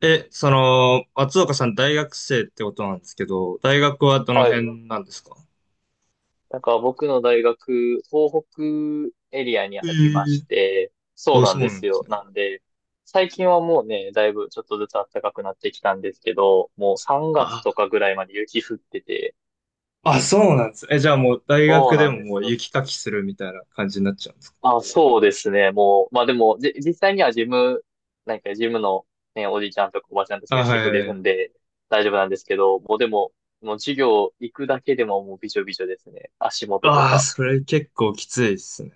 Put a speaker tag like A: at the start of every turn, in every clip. A: その、松岡さん大学生ってことなんですけど、大学はどの
B: はい。
A: 辺なんですか？
B: なんか僕の大学、東北エリアに
A: え
B: ありまし
A: え。
B: て、そう
A: あ、
B: な
A: そ
B: ん
A: う
B: で
A: なん
B: す
A: です
B: よ。
A: ね。
B: なんで、最近はもうね、だいぶちょっとずつ暖かくなってきたんですけど、もう3月
A: あ、
B: とかぐらいまで雪降ってて、
A: あ、そうなんです。じゃあもう大
B: そう
A: 学で
B: なん
A: も
B: で
A: も
B: す
A: う
B: よ。
A: 雪かきするみたいな感じになっちゃうんですか？
B: あ、そうですね。もう、まあでも、実際にはジム、なんかジムのね、おじいちゃんとかおばちゃんた
A: あ、
B: ちがし
A: は
B: てく
A: いは
B: れ
A: いは
B: る
A: い。
B: んで、大丈夫なんですけど、もうでも、もう授業行くだけでももうびしょびしょですね。足元と
A: ああ、
B: か。
A: それ結構きついですね。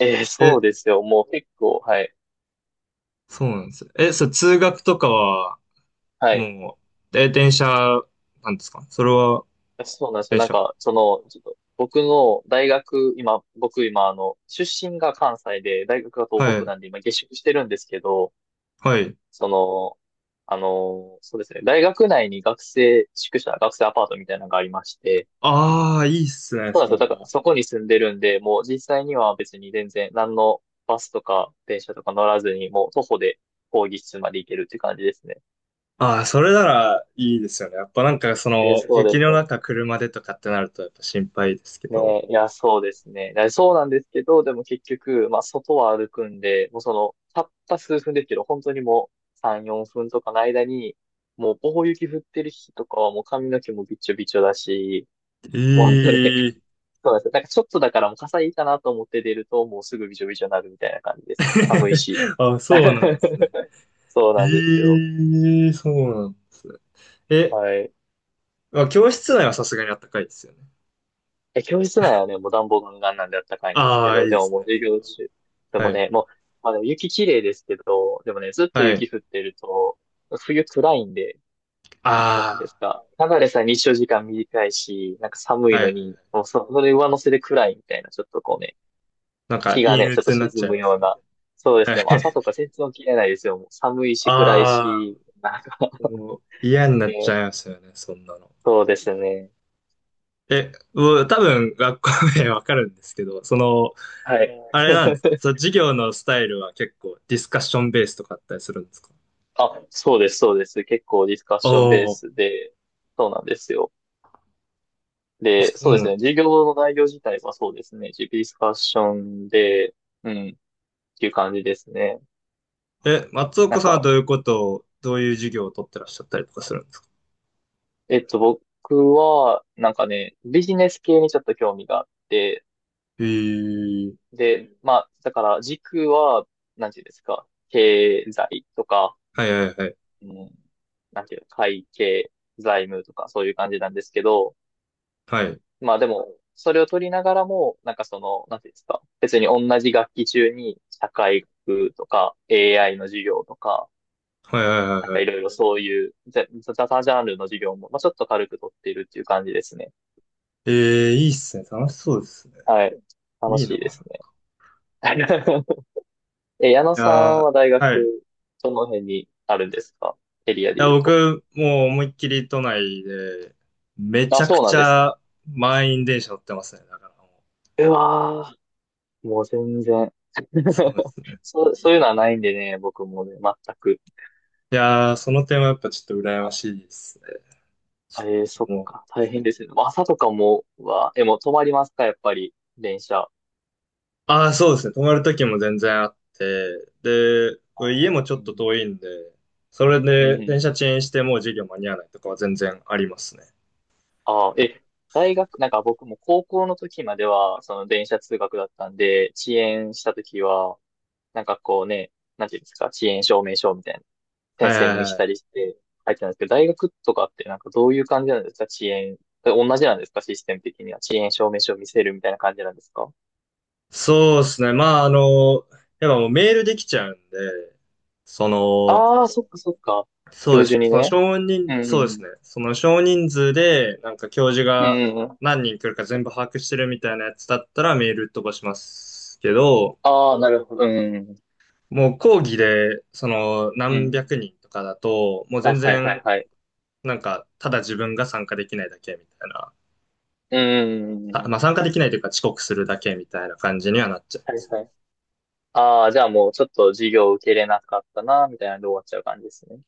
B: ええ、そう
A: え、
B: ですよ。もう結構、はい。
A: そうなんですね。そう、通学とかは、
B: はい。
A: もう、電車なんですか、それは。
B: そうなんですよ。
A: 電
B: なん
A: 車。
B: か、その、ちょっと、僕の大学、今、僕今、出身が関西で、大学が東
A: は
B: 北
A: い。
B: なんで、今、下宿してるんですけど、
A: はい。
B: その、そうですね、大学内に学生宿舎、学生アパートみたいなのがありまして、
A: ああ、いいっすね、
B: そうな
A: そ
B: んで
A: れ
B: すよ。だから、
A: は。
B: そこに住んでるんで、もう実際には別に全然、何のバスとか電車とか乗らずに、もう徒歩で講義室まで行けるって感じですね。
A: ああ、それならいいですよね。やっぱなんかその、
B: そう
A: 雪
B: です
A: の
B: ね。
A: 中車でとかってなるとやっぱ心配ですけど。
B: ね、いや、そうですね。だそうなんですけど、でも結局、まあ、外は歩くんで、もうその、たった数分ですけど、本当にもう3、4分とかの間に、もう、棒雪降ってる日とかはもう髪の毛もびっちょびちょだし、もうね、
A: ええ。
B: そうなんですよ。なんかちょっとだからもう傘いいかなと思って出ると、もうすぐびちょびちょになるみたいな感じですね。寒いし。
A: あ、そうなんですね。
B: そうなんですよ。
A: ええ、そうなんですね。え、
B: はい。
A: まあ、教室内はさすがにあったかいですよね。
B: え、教室内はね、もう暖房ガンガンなんであったかいんです
A: あ
B: け
A: あ、
B: ど、
A: いい
B: で
A: で
B: も
A: す
B: もう
A: ね。
B: 授
A: それ
B: 業
A: は。
B: 中、で
A: は
B: も
A: い。
B: ね、もう、まあでも雪綺麗ですけど、でもね、ずっと
A: はい。
B: 雪降ってると、冬暗いんで、なんていうんで
A: あ
B: すか、ただでさえ日照時間短いし、なんか寒
A: あ、
B: い
A: はい
B: の
A: はいはい。
B: に、もうそ、それ上乗せで暗いみたいな、ちょっとこうね、
A: なんか
B: 日が
A: 陰
B: ね、ちょっと
A: 鬱にな
B: 沈
A: っちゃい
B: む
A: ます
B: よう
A: よね。
B: な、そうで
A: は
B: す
A: い。
B: ね、もう朝とか全然起きれないですよ。もう寒い し暗い
A: あ
B: し、なんか
A: あ、もう嫌になっち
B: ね、
A: ゃいますよね、そんなの。
B: そうですね。
A: もう多分学校名わかるんですけど、その、
B: はい。
A: あれなんですか、その授業のスタイルは結構ディスカッションベースとかあったりするんですか？
B: あ、そうです。結構ディスカッ
A: ああ、
B: ションベー
A: そ
B: スで、そうなんですよ。で、
A: う
B: そうで
A: な
B: す
A: ん
B: ね。
A: で
B: 授
A: すね。
B: 業の内容自体はそうですね。ディスカッションで、うん、っていう感じですね。
A: 松
B: な
A: 岡
B: ん
A: さんはど
B: か、
A: ういうことを、どういう授業を取ってらっしゃったりとかするんですか？
B: 僕は、なんかね、ビジネス系にちょっと興味があって、
A: へえー。
B: で、まあ、だから軸は、なんていうんですか、経済とか、
A: はいはいはい。
B: うん、なんていうの、会計、財務とか、そういう感じなんですけど、
A: はい。
B: まあでも、それを取りながらも、なんかその、なんていうんですか、別に同じ学期中に社会学とか AI の授業とか、
A: はいはいは
B: な
A: い
B: ん
A: は
B: かい
A: い。
B: ろいろそういうざ雑多ジャンルの授業も、まあちょっと軽く取っているっていう感じですね。
A: ええ、いいっすね。楽しそうですね。
B: はい。楽
A: いい
B: し
A: な。い
B: いですね。え、矢野さ
A: や
B: んは大
A: ー、はい。い
B: 学、どの辺にあるんですか？エリアで
A: や、
B: 言うと。
A: 僕、もう思いっきり都内で、めち
B: あ、
A: ゃく
B: そうな
A: ち
B: んですね。
A: ゃ満員電車乗ってますね。だからもう。
B: うわー、もう全然。
A: そうで すね。
B: そう、そういうのはないんでね、僕もね、全く。
A: いやー、その点はやっぱちょっと羨ましいですね。
B: ええー、そっ
A: も
B: か。
A: う、
B: 大変ですね。でも朝とかも、え、もう止まりますかやっぱり、電車。あ
A: ああ、そうですね。泊まる時も全然あって、で、家もちょ
B: ーう
A: っと
B: ん
A: 遠いんで、それ
B: うん
A: で
B: うん
A: 電車遅延してもう授業間に合わないとかは全然ありますね。
B: ああ、え、大学、なんか僕も高校の時までは、その電車通学だったんで、遅延した時は、なんかこうね、なんていうんですか、遅延証明書みたいな、
A: は
B: 先
A: い
B: 生
A: は
B: に
A: い
B: 見せ
A: は
B: た
A: い。
B: りして、入ってたんですけど、大学とかってなんかどういう感じなんですか？遅延。同じなんですかシステム的には。遅延証明書を見せるみたいな感じなんですか？
A: そうですね。まあ、あの、やっぱもうメールできちゃうんで、その、
B: ああー、そっか。
A: そ
B: 教
A: うです
B: 授
A: ね。
B: に
A: その
B: ね。
A: 少人、
B: うん
A: そ
B: う
A: うです
B: ん
A: ね。その少人数で、なんか教授
B: うん。う
A: が
B: んうんうん
A: 何人来るか全部把握してるみたいなやつだったらメール飛ばしますけど、
B: ああ、なるほど。うん。
A: もう講義で、その
B: う
A: 何
B: ん。
A: 百人とかだと、もう
B: あ、
A: 全
B: はいはい
A: 然、
B: はい。
A: なんか、ただ自分が参加できないだけみたいな。
B: う
A: あま
B: ん。
A: あ参加できないというか遅刻するだけみたいな感じにはなっちゃいま
B: はい
A: す。
B: はい。ああ、じゃあもうちょっと授業受けれなかったな、みたいなんで終わっちゃう感じですね。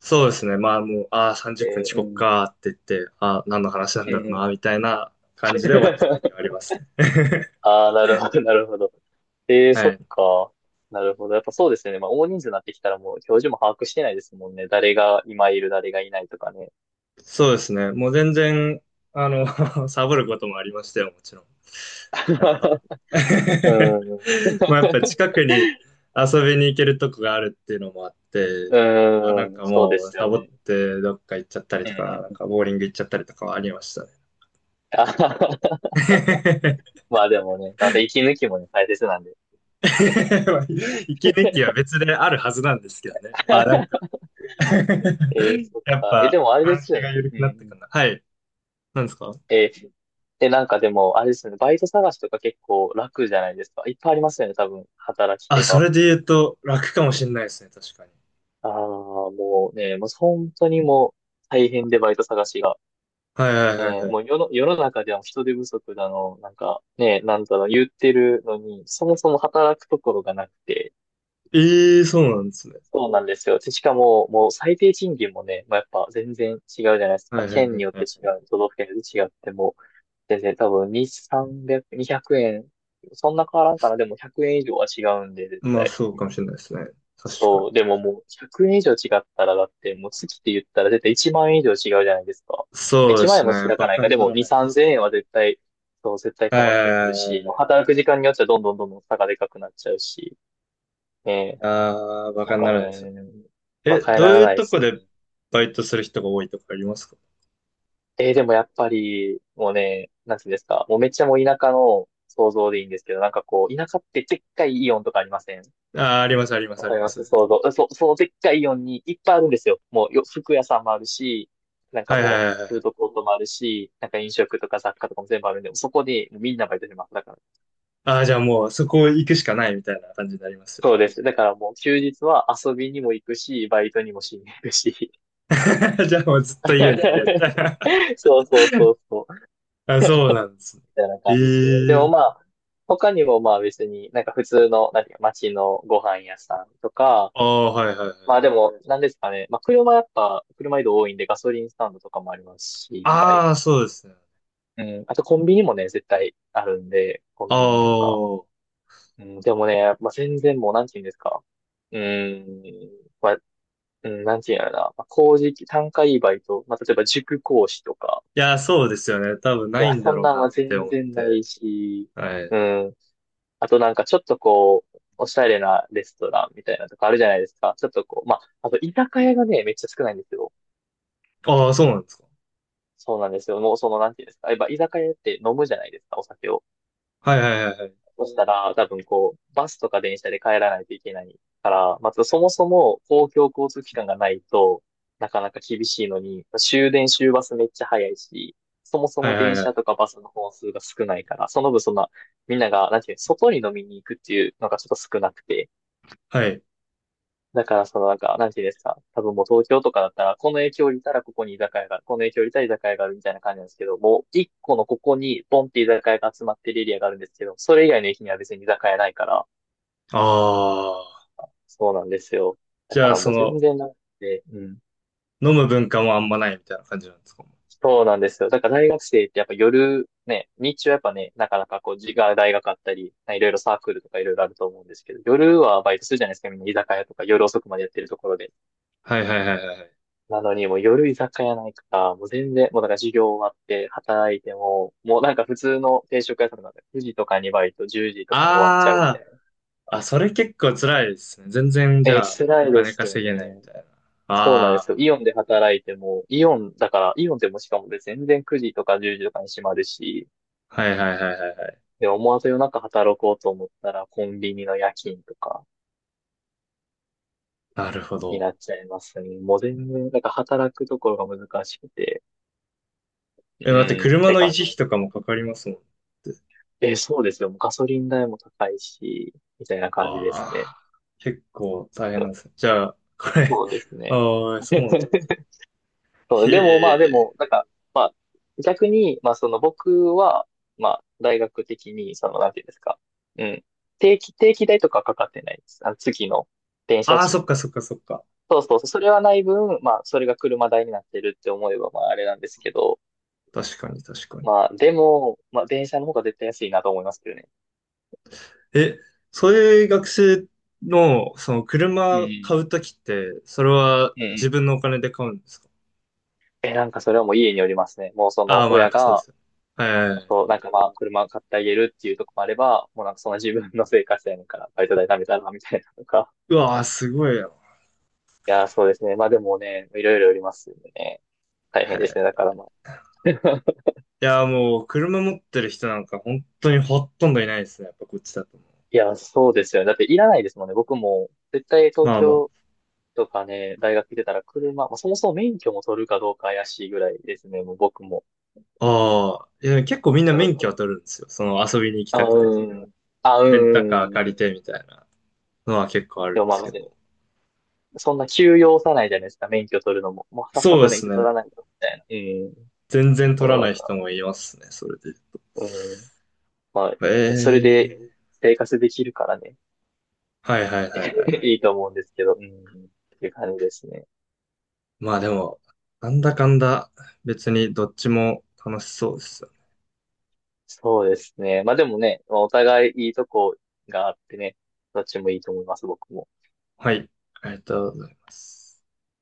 A: そうですね。まあもう、ああ、30分
B: え
A: 遅
B: ー、う
A: 刻
B: ん。
A: かって言って、ああ、何の話なん
B: うん
A: だろう
B: う
A: な、
B: ん。
A: みたいな感じで終わっちゃう時はあり ますね。
B: ああ、なるほど。ええー、そ
A: は
B: っ
A: い。
B: か。なるほど。やっぱそうですよね。まあ、大人数になってきたらもう教授も把握してないですもんね。誰が今いる、誰がいないとかね。
A: そうですね。もう全然、あの、サボることもありましたよ、もちろん。やっぱ。
B: う ん。
A: まあやっぱ近くに遊びに行けるとこがあるっていうのもあっ て、まあなん
B: うん。
A: か
B: そうで
A: もう
B: す
A: サ
B: よ
A: ボっ
B: ね。
A: てどっか行っちゃったり
B: う
A: と
B: んう
A: か、
B: ん
A: なん
B: うん。
A: かボーリング行っちゃったりとかはありましたね。
B: あははは まあでもね、また息抜きもね、大切なんでね。
A: まあ 息
B: えー、
A: 抜きは別であるはずなんですけどね。まあなんか
B: そっ
A: やっ
B: か。え、で
A: ぱ
B: もあれで
A: 監
B: す
A: 視
B: よ
A: が
B: ね。
A: 緩
B: うん
A: く
B: う
A: なってか
B: ん。
A: な。はい。なんですか？
B: えー、え、なんかでも、あれですよね。バイト探しとか結構楽じゃないですか。いっぱいありますよね、多分、働き
A: あ、
B: 手
A: そ
B: が。
A: れで言うと楽かもしれないですね、確かに。
B: ああ、もうね、もう本当にもう大変でバイト探しが。
A: はいはい
B: え
A: はいは
B: ー、も
A: い。
B: う世の、世の中では人手不足だの、なんかね、なんだろう、言ってるのに、そもそも働くところがなくて、
A: ええ、そうなんですね。
B: そうなんですよ。でしかも、もう最低賃金もね、まあ、やっぱ全然違うじゃないですか。
A: はいはい
B: 県
A: は
B: に
A: い
B: よっ
A: は
B: て違
A: い。
B: う、都道府県によって違ってもう全然多分2、300、2円。そんな変わらんかな。でも100円以上は違うんで、絶
A: まあ
B: 対。
A: そうかもしれないですね。確かに。
B: そう。でももう100円以上違ったら、だってもう月って言ったら絶対1万円以上違うじゃないですか。
A: そうで
B: 1万
A: す
B: 円も
A: ね。
B: 開か
A: バ
B: ない
A: カ
B: か。
A: に
B: で
A: な
B: も
A: ら
B: 2、
A: ないです
B: 3000
A: ね。
B: 円は絶対、そう、絶対
A: はい
B: 変
A: は
B: わってく
A: い
B: る
A: はい
B: し、もう
A: はい。
B: 働く時間によっちゃどんどんどんどん差がでかくなっちゃうし、ね
A: ああ、バ
B: え、な
A: カ
B: ん
A: に
B: か
A: ならないですよ
B: ね、
A: ね。
B: 馬鹿に
A: どう
B: なら
A: い
B: な
A: う
B: いで
A: と
B: す
A: こで
B: ね。
A: バイトする人が多いとかありますか？
B: えー、でもやっぱり、もうね、なんていうんですか、もうめっちゃもう田舎の想像でいいんですけど、なんかこう、田舎ってでっかいイオンとかありません？
A: ああー、ありますあります
B: わ
A: あ
B: か
A: り
B: り
A: ま
B: ます
A: す。
B: 想像。そのでっかいイオンにいっぱいあるんですよ。もうよ、服屋さんもあるし、なんか
A: はいはい
B: も
A: はい
B: う、
A: は
B: フー
A: い。
B: ドコートもあるし、なんか飲食とか雑貨とかも全部あるんで、そこでみんなバイトします。だから。
A: ああ、じゃあもうそこ行くしかないみたいな感じになりますよね。
B: そうです。だからもう休日は遊びにも行くし、バイトにもしに行くし。
A: じゃあもうずっと家にいるみたいな。
B: そうそうそうそう。
A: あ、そうなんですね。
B: たいな
A: え
B: 感じですね。でもま
A: え。
B: あ、他にもまあ別に、なんか普通の、なんていうか、街のご飯屋さんとか、
A: ああ、はいはいはい。
B: まあでも、なんですかね。まあ車やっぱ、車移動多いんでガソリンスタンドとかもありますし、いっぱい。
A: ああ、そうですね。
B: うん。あとコンビニもね、絶対あるんで、コ
A: あ
B: ンビニとか。
A: あ。
B: うん。でもね、まあ全然もう、なんていうんですか。うん。まあ、うん、なんていうんやろな。まあ、工事、単価いいバイト。まあ例えば塾講師とか。
A: いや、そうですよね。多分
B: い
A: ない
B: や、
A: んだ
B: そん
A: ろう
B: なん
A: な
B: は
A: って
B: 全
A: 思っ
B: 然な
A: て。
B: いし、
A: はい。
B: うん。あとなんかちょっとこう、おしゃれなレストランみたいなとかあるじゃないですか。ちょっとこう、まあ、あと居酒屋がね、めっちゃ少ないんですよ。
A: ああ、そうなんですか。
B: そうなんですよ。もうその、なんていうんですか。やっぱ居酒屋って飲むじゃないですか、お酒を。
A: はいはいはいはい。
B: そしたら、多分こう、バスとか電車で帰らないといけないから、まずそもそも公共交通機関がないと、なかなか厳しいのに、終電終バスめっちゃ早いし、そもそ
A: は
B: も
A: いはい
B: 電
A: は
B: 車
A: い。
B: とかバスの本数が少ないから、その分そんな、みんなが、なんていうの、外に飲みに行くっていうのがちょっと少なくて、だから、そのなんか、なんていうんですか。多分もう東京とかだったら、この影響をいたらここに居酒屋がある、この影響をいたら居酒屋があるみたいな感じなんですけど、もう一個のここにポンって居酒屋が集まってるエリアがあるんですけど、それ以外の駅には別に居酒屋ないから、
A: ああ。
B: そうなんですよ。だ
A: じ
B: か
A: ゃあ、
B: ら
A: そ
B: もう全
A: の、
B: 然なくて、うん。
A: 飲む文化もあんまないみたいな感じなんですか。
B: そうなんですよ。だから大学生ってやっぱ夜、ね、日中はやっぱね、なかなかこう、自が大学あったり、いろいろサークルとかいろいろあると思うんですけど、夜はバイトするじゃないですか、みんな居酒屋とか夜遅くまでやってるところで。
A: はいはいはいはいはい。
B: なのに、もう夜居酒屋ないから、もう全然、もうなんか授業終わって働いても、もうなんか普通の定食屋さんとかで9時とかにバイト、10時とかに終わっちゃうみたい
A: あ
B: な。
A: あ。あ、それ結構辛いですね。全然、じゃあ、お
B: 辛いで
A: 金
B: すよ
A: 稼げないみ
B: ね。
A: たいな。
B: そうなんですよ。イ
A: あ
B: オンで働いても、イオンだから、イオンでもしかもで全然9時とか10時とかに閉まるし、
A: あ。はいはいはいはいはい。
B: で、思わず夜中働こうと思ったら、コンビニの夜勤とか
A: なるほ
B: に
A: ど。
B: なっちゃいますね。もう全然、なんか働くところが難しくて、う
A: 待って、
B: ん、っ
A: 車
B: て
A: の維
B: 感じ。
A: 持費とかもかかりますもんね。
B: え、そうですよ。もうガソリン代も高いし、みたいな感じですね。
A: ああ。結構大変なんですね。じゃあ、これ、
B: そうです ね。
A: ああ、そうなんだ。
B: そう、
A: へ
B: でもまあで
A: え。
B: も、なんか、まあ、逆に、まあその僕は、まあ、大学的に、その、なんていうんですか。うん。定期代とかかかってないです。あの、月の電車
A: ああ、
B: 賃。
A: そっかそっかそっか。
B: そうそうそう、それはない分、まあ、それが車代になってるって思えば、まあ、あれなんですけど、
A: 確かに確かに。
B: まあ、でも、まあ、電車の方が絶対安いなと思いますけどね。
A: え、そういう学生の、その
B: う
A: 車買
B: ん。
A: うときって、それは
B: うんう
A: 自分
B: ん、
A: のお金で買うんですか？
B: え、なんかそれはもう家によりますね。もうそ
A: あ
B: の
A: あー、まあやっ
B: 親
A: ぱそうで
B: が、
A: すよね。
B: あ
A: え、
B: と、なんかまあ、車を買ってあげるっていうとこもあれば、もうなんかその自分の生活やねんから、バイト代貯めたら、みたいなとか。
A: うわあ、すごいよ。
B: いやー、そうですね。まあでもね、いろいろよりますよね。大
A: へ
B: 変ですね。だか
A: え。
B: らまあ。
A: いやー、もう、車持ってる人なんか本当にほとんどいないですね。やっぱこっちだと。
B: いやー、そうですよね。だっていらないですもんね。僕も、絶対東
A: まあま
B: 京とかね、大学出たら車、まあ、そもそも免許も取るかどうか怪しいぐらいですね。もう僕も。
A: あ。ああ。いや、結構みんな
B: う
A: 免許
B: ん、
A: は取るんですよ。その遊びに行き
B: あ、
A: たくて。
B: うん。あ、う
A: レンタカー借り
B: ん。
A: てみたいなのは結構ある
B: で
A: ん
B: も
A: で
B: まあ、
A: すけど。
B: そんな急要さないじゃないですか、免許取るのも。もうさっさ
A: そうで
B: と免
A: す
B: 許取
A: ね。
B: らないと、みたいな。うん。
A: 全然取
B: も
A: ら
B: うな
A: な
B: ん
A: い
B: か、
A: 人もいますね、それで。
B: うん。まあ、
A: え
B: ね、それ
A: え。
B: で生活できるからね、
A: はいはいはいは
B: い
A: い。
B: いと思うんですけど、うん。っていう感じですね。
A: まあでも、なんだかんだ、別にどっちも楽しそうですよね。
B: そうですね。まあでもね、まあお互いいいとこがあってね、どっちもいいと思います、僕も。
A: はい、ありがとうございます。